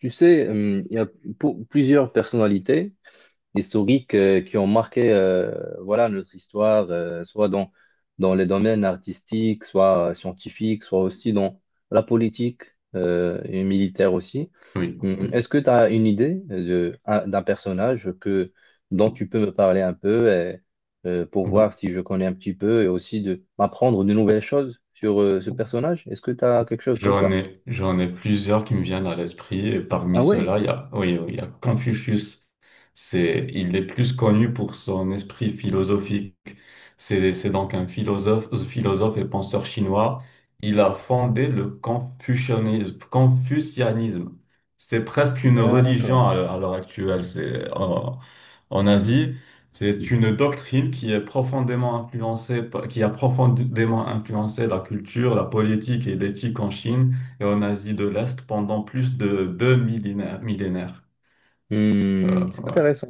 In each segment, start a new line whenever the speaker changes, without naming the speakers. Tu sais, il y a plusieurs personnalités historiques qui ont marqué voilà, notre histoire, soit dans les domaines artistiques, soit scientifiques, soit aussi dans la politique et militaire aussi.
Oui, oui.
Est-ce que tu as une idée d'un personnage que, dont tu peux me parler un peu et, pour voir si je connais un petit peu et aussi de m'apprendre de nouvelles choses sur ce personnage? Est-ce que tu as quelque chose comme
J'en
ça?
ai, j'en ai plusieurs qui me viennent à l'esprit. Et parmi
Ah ouais,
ceux-là, il y a, oui, oui, il y a Confucius. Il est plus connu pour son esprit philosophique. C'est donc un philosophe, philosophe et penseur chinois. Il a fondé le confucianisme. Confucianisme. C'est presque une
d'accord.
religion à l'heure actuelle. C'est en, en Asie. C'est une doctrine qui est profondément influencée, qui a profondément influencé la culture, la politique et l'éthique en Chine et en Asie de l'Est pendant plus de deux millénaires. Millénaires.
Hmm, c'est
Ouais,
intéressant.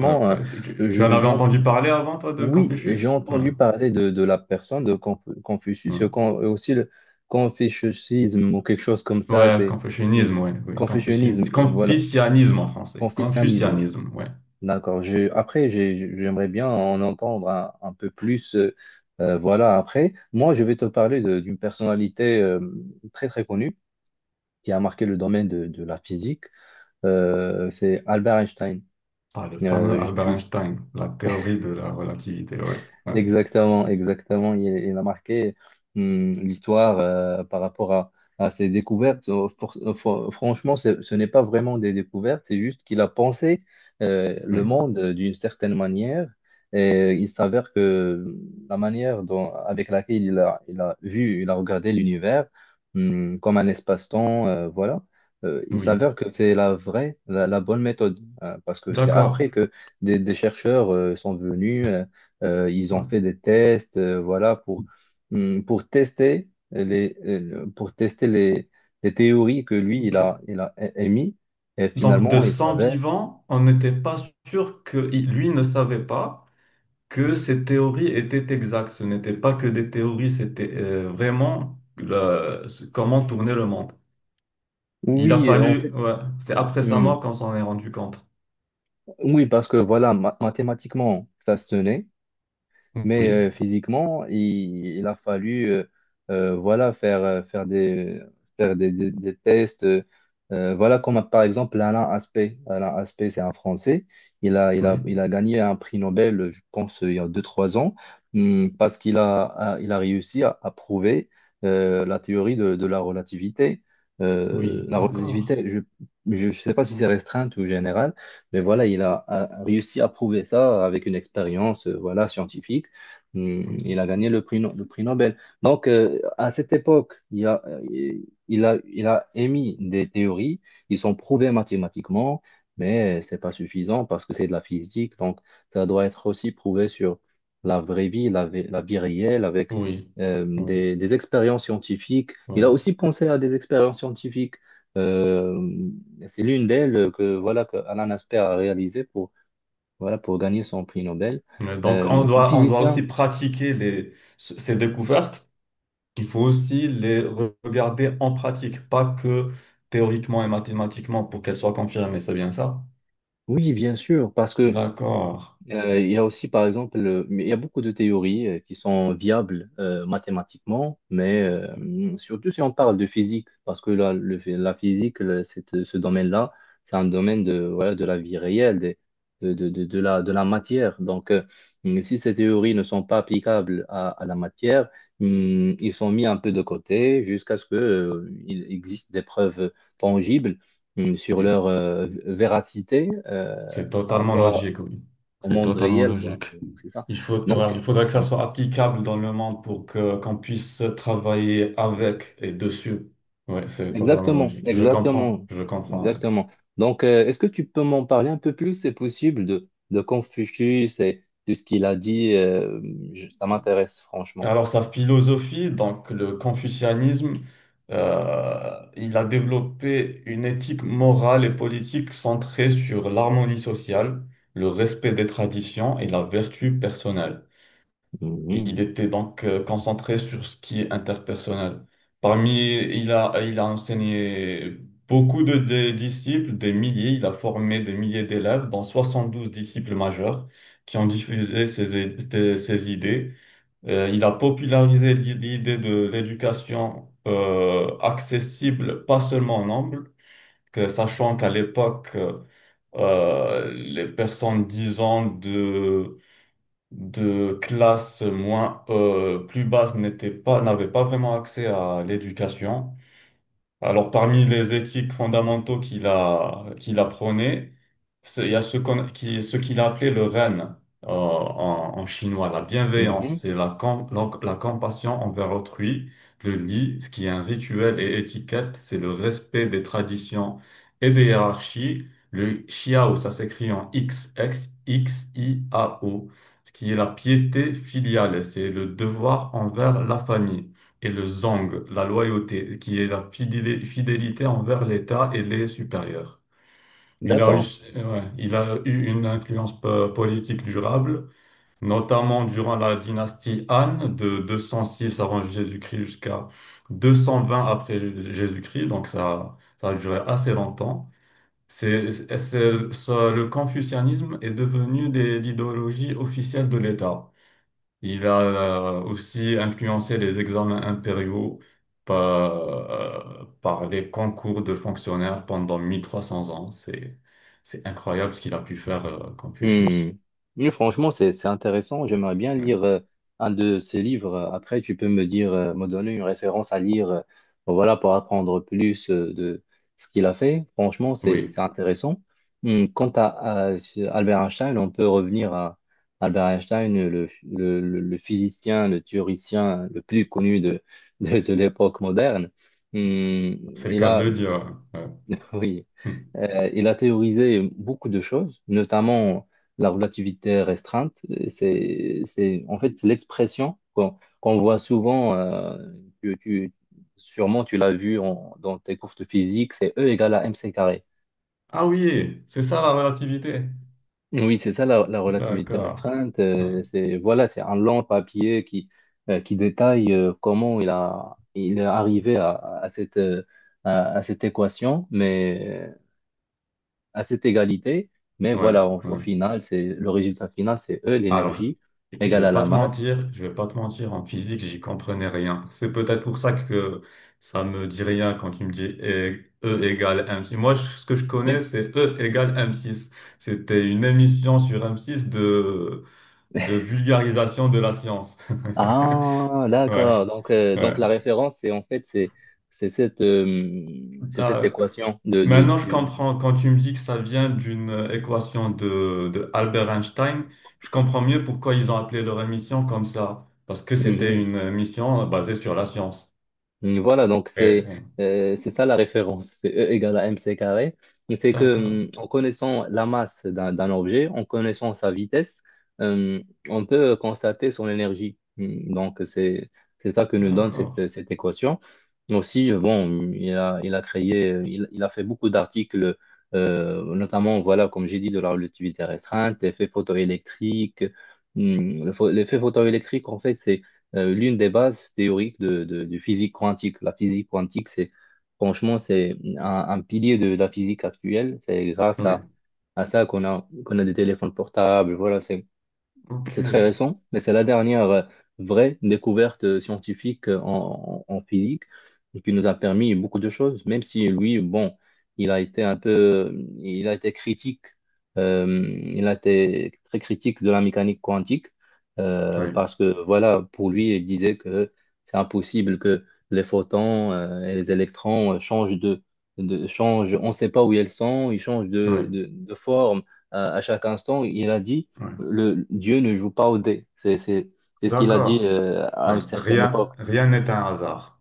ouais. ouais. Tu en
je,
avais
j'en-
entendu parler avant, toi, de
oui, j'ai
Confucius? Ouais,
entendu parler de la personne de
ouais.
Confucius, aussi le confucianisme ou quelque chose comme ça.
Ouais,
C'est hmm,
confucianisme, ouais, oui.
confucianisme, voilà,
Confucianisme en français.
confucianisme.
Confucianisme, ouais.
D'accord. Après, j'aimerais bien en entendre un peu plus. Voilà, après, moi, je vais te parler d'une personnalité très très connue qui a marqué le domaine de la physique. C'est Albert Einstein.
Ah, le fameux
Euh, je-
Albert
tu-
Einstein, la théorie de la relativité, ouais. ouais.
Exactement, exactement. Il a marqué l'histoire par rapport à ses découvertes. Franchement, ce n'est pas vraiment des découvertes, c'est juste qu'il a pensé
Oui,
le monde d'une certaine manière. Et il s'avère que la manière dont, avec laquelle il a vu, il a regardé l'univers comme un espace-temps, voilà. Il
oui.
s'avère que c'est la bonne méthode, hein, parce que c'est
D'accord.
après que des chercheurs sont venus. Ils ont
Ouais,
fait des tests, voilà, pour tester les théories que lui,
ok.
il a émis. Et
Donc, de
finalement, il
100
s'avère.
vivants, on n'était pas sûr que lui ne savait pas que ces théories étaient exactes. Ce n'était pas que des théories, c'était vraiment comment tourner le monde. Il a
Oui, en
fallu,
fait,
ouais, c'est après sa mort
hum,
qu'on s'en est rendu compte.
oui, parce que voilà, mathématiquement, ça se tenait. Mais
Oui,
physiquement, il a fallu voilà, faire des tests. Voilà, comme par exemple Alain Aspect. Alain Aspect, c'est un Français. Il
oui,
il a gagné un prix Nobel, je pense, il y a deux trois ans, parce qu'il il a réussi à prouver la théorie de la relativité.
oui,
La
d'accord.
relativité, je ne sais pas si c'est restreinte ou générale. Mais voilà, il a réussi à prouver ça avec une expérience, scientifique. Hmm. Il a gagné le prix, le prix Nobel. Donc, à cette époque, il a émis des théories qui sont prouvées mathématiquement, mais c'est pas suffisant parce que c'est de la physique. Donc, ça doit être aussi prouvé sur la vraie vie, la, vie la vie réelle, avec
Oui, oui,
des expériences scientifiques. Il
ouais.
a aussi pensé à des expériences scientifiques. Euh, c'est l'une d'elles que Alan Asper a réalisée pour gagner son prix Nobel.
Mais donc,
C'est un
on doit aussi
physicien.
pratiquer ces découvertes. Il faut aussi les regarder en pratique, pas que théoriquement et mathématiquement pour qu'elles soient confirmées, c'est bien ça?
Oui, bien sûr, parce que
D'accord.
il y a aussi, par exemple, mais il y a beaucoup de théories qui sont viables mathématiquement, mais surtout si on parle de physique, parce que la physique, ce domaine-là, c'est un domaine voilà, de la vie réelle, de la matière. Donc, si ces théories ne sont pas applicables à la matière, ils sont mis un peu de côté jusqu'à ce que, il existe des preuves tangibles sur
Oui,
leur véracité
c'est
par
totalement
rapport
logique, oui.
au
C'est
monde
totalement
réel, quoi.
logique.
C'est ça.
Il faut, voilà,
Donc,
il faudrait que ça soit applicable dans le monde pour que qu'on puisse travailler avec et dessus. Oui, c'est totalement
exactement,
logique. Je comprends,
exactement,
je comprends. Oui.
exactement. Donc, est-ce que tu peux m'en parler un peu plus, c'est possible, de Confucius et de ce qu'il a dit. Ça m'intéresse, franchement.
Alors, sa philosophie, donc le confucianisme, euh, il a développé une éthique morale et politique centrée sur l'harmonie sociale, le respect des traditions et la vertu personnelle. Et il était donc concentré sur ce qui est interpersonnel. Parmi, il a enseigné beaucoup de disciples, des milliers, il a formé des milliers d'élèves, dont 72 disciples majeurs qui ont diffusé ses ses idées il a popularisé l'idée de l'éducation accessible, pas seulement en anglais, sachant qu'à l'époque, les personnes disant de classe moins, plus basse n'étaient pas, n'avaient pas vraiment accès à l'éducation. Alors, parmi les éthiques fondamentaux qu'il a prônées, il y a ce ce qu'il a appelé le ren en, en chinois, la
Mhm.
bienveillance,
Mhm.
c'est la, la, la compassion envers autrui, le li, ce qui est un rituel et étiquette, c'est le respect des traditions et des hiérarchies, le xiao, ça s'écrit en X, I, A, O, ce qui est la piété filiale, c'est le devoir envers la famille et le zong, la loyauté, qui est la fidélité envers l'État et les supérieurs. Il a eu,
D'accord.
ouais, il a eu une influence politique durable, notamment durant la dynastie Han de 206 avant Jésus-Christ jusqu'à 220 après Jésus-Christ, donc ça a duré assez longtemps. Le confucianisme est devenu l'idéologie officielle de l'État. Il a aussi influencé les examens impériaux par les concours de fonctionnaires pendant 1300 ans. C'est incroyable ce qu'il a pu faire,
Hmm.
Confucius.
Oui, franchement, c'est intéressant. J'aimerais bien
Ouais.
lire un de ces livres. Après, tu peux me donner une référence à lire, voilà, pour apprendre plus de ce qu'il a fait. Franchement,
Oui,
c'est intéressant. Hmm. Quant Albert Einstein, on peut revenir à Albert Einstein, le physicien, le théoricien le plus connu de l'époque moderne. Hmm.
c'est le
Il
cas de
a
le dire. Hein. ouais.
oui,
Hmm.
Il a théorisé beaucoup de choses, notamment la relativité restreinte. C'est, en fait, c'est l'expression qu'on voit souvent, que tu, sûrement tu l'as vu dans tes cours de physique, c'est E égale à mc carré.
Ah oui, c'est ça la relativité.
Oui, c'est ça la relativité
D'accord.
restreinte.
Hmm.
C'est, voilà, c'est un long papier qui détaille comment il est arrivé à cette, euh, à cette équation, mais à cette égalité. Mais
Ouais,
voilà, au
ouais.
final, c'est le résultat final, c'est E,
Alors,
l'énergie,
je
égale
vais
à
pas
la
te
masse.
mentir, je vais pas te mentir, en physique, j'y comprenais rien. C'est peut-être pour ça que ça me dit rien quand tu me dis E égale M6. Moi, je- ce que je connais,
Mais-
c'est E égale M6. C'était une émission sur M6 de vulgarisation de la science.
Ah,
Ouais,
d'accord. Donc, euh,
ouais.
donc la référence, c'est en fait, c'est cette, euh, c'est cette
D'accord.
équation de, de,
Maintenant, je
de-
comprends quand tu me dis que ça vient d'une équation de Albert Einstein. Je comprends mieux pourquoi ils ont appelé leur émission comme ça, parce que c'était
Mhm.
une mission basée sur la science.
Mm. Voilà, donc
Et,
c'est ça la référence, c'est E égale à mc carré. Et c'est
d'accord,
que en connaissant la masse d'un objet, en connaissant sa vitesse, euh, on peut constater son énergie. Mm. Donc c'est ça que nous donne
d'accord.
cette équation. Aussi, bon, il a fait beaucoup d'articles, notamment, voilà, comme j'ai dit, de la relativité restreinte, effet photoélectrique. Mm. L'effet photoélectrique, en fait, l'une des bases théoriques de physique quantique. La physique quantique, c'est franchement, c'est un pilier la physique actuelle. C'est grâce
Oui,
à ça qu'on a des téléphones portables. Voilà, c'est très
ok.
récent, mais c'est la dernière vraie découverte scientifique en physique et qui nous a permis beaucoup de choses, même si lui, bon, il a été critique, euh, il a été très critique de la mécanique quantique
Oui,
parce que, voilà, pour lui, il disait que c'est impossible que les photons et les électrons changent de. On ne sait pas où ils sont, ils changent
oui,
de forme à chaque instant. Il a dit
oui.
Dieu ne joue pas au dé. C'est ce qu'il a dit
D'accord.
à
Oui.
une certaine
Rien,
époque.
rien n'est un hasard.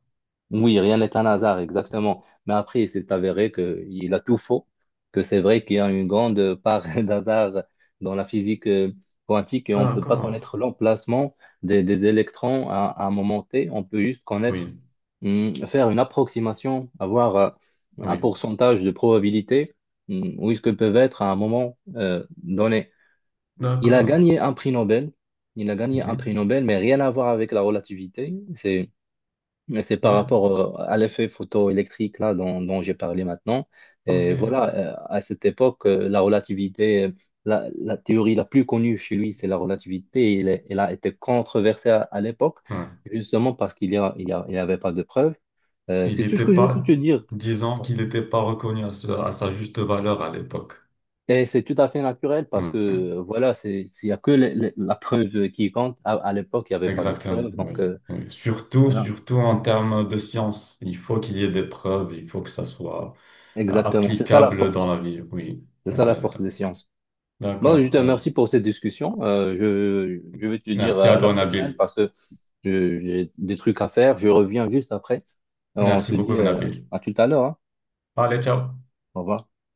Oui, rien n'est un hasard, exactement. Mais après, il s'est avéré qu'il a tout faux, que c'est vrai qu'il y a une grande part d'hasard dans la physique quantique et on ne peut pas
D'accord.
connaître l'emplacement des électrons à un moment T. On peut juste
Oui,
faire une approximation, avoir un
oui.
pourcentage de probabilité, où est-ce que peuvent être à un moment donné. Il a
D'accord.
gagné un prix Nobel. Il a gagné un
Mhm.
prix Nobel, mais rien à voir avec la relativité. C'est par
Ouais,
rapport à l'effet photoélectrique là dont j'ai parlé maintenant.
ok.
Et voilà, à cette époque, la théorie la plus connue chez lui, c'est la relativité. Elle, a été controversée à l'époque,
Ouais.
justement parce qu'il y a- il n'y avait pas de preuves.
Il
C'est tout ce
n'était
que je peux
pas,
te dire.
disons qu'il n'était pas reconnu à, à sa juste valeur à l'époque.
Et c'est tout à fait naturel parce
Oui,
que
oui,
voilà, s'il n'y a que la preuve qui compte, à l'époque, il n'y avait pas de
exactement,
preuve. Donc,
oui, oui. Surtout,
voilà,
surtout en termes de science. Il faut qu'il y ait des preuves, il faut que ça soit
exactement. C'est ça la
applicable dans
force.
la vie. Oui,
C'est ça la force
exactement.
des sciences. Bon, je
D'accord.
te remercie pour cette discussion. Je vais te dire
Merci à
à la
toi,
prochaine
Nabil.
parce que j'ai des trucs à faire. Je reviens juste après. On
Merci
se
beaucoup,
dit
Nabil.
à tout à l'heure, hein.
Allez, ciao.
Au revoir.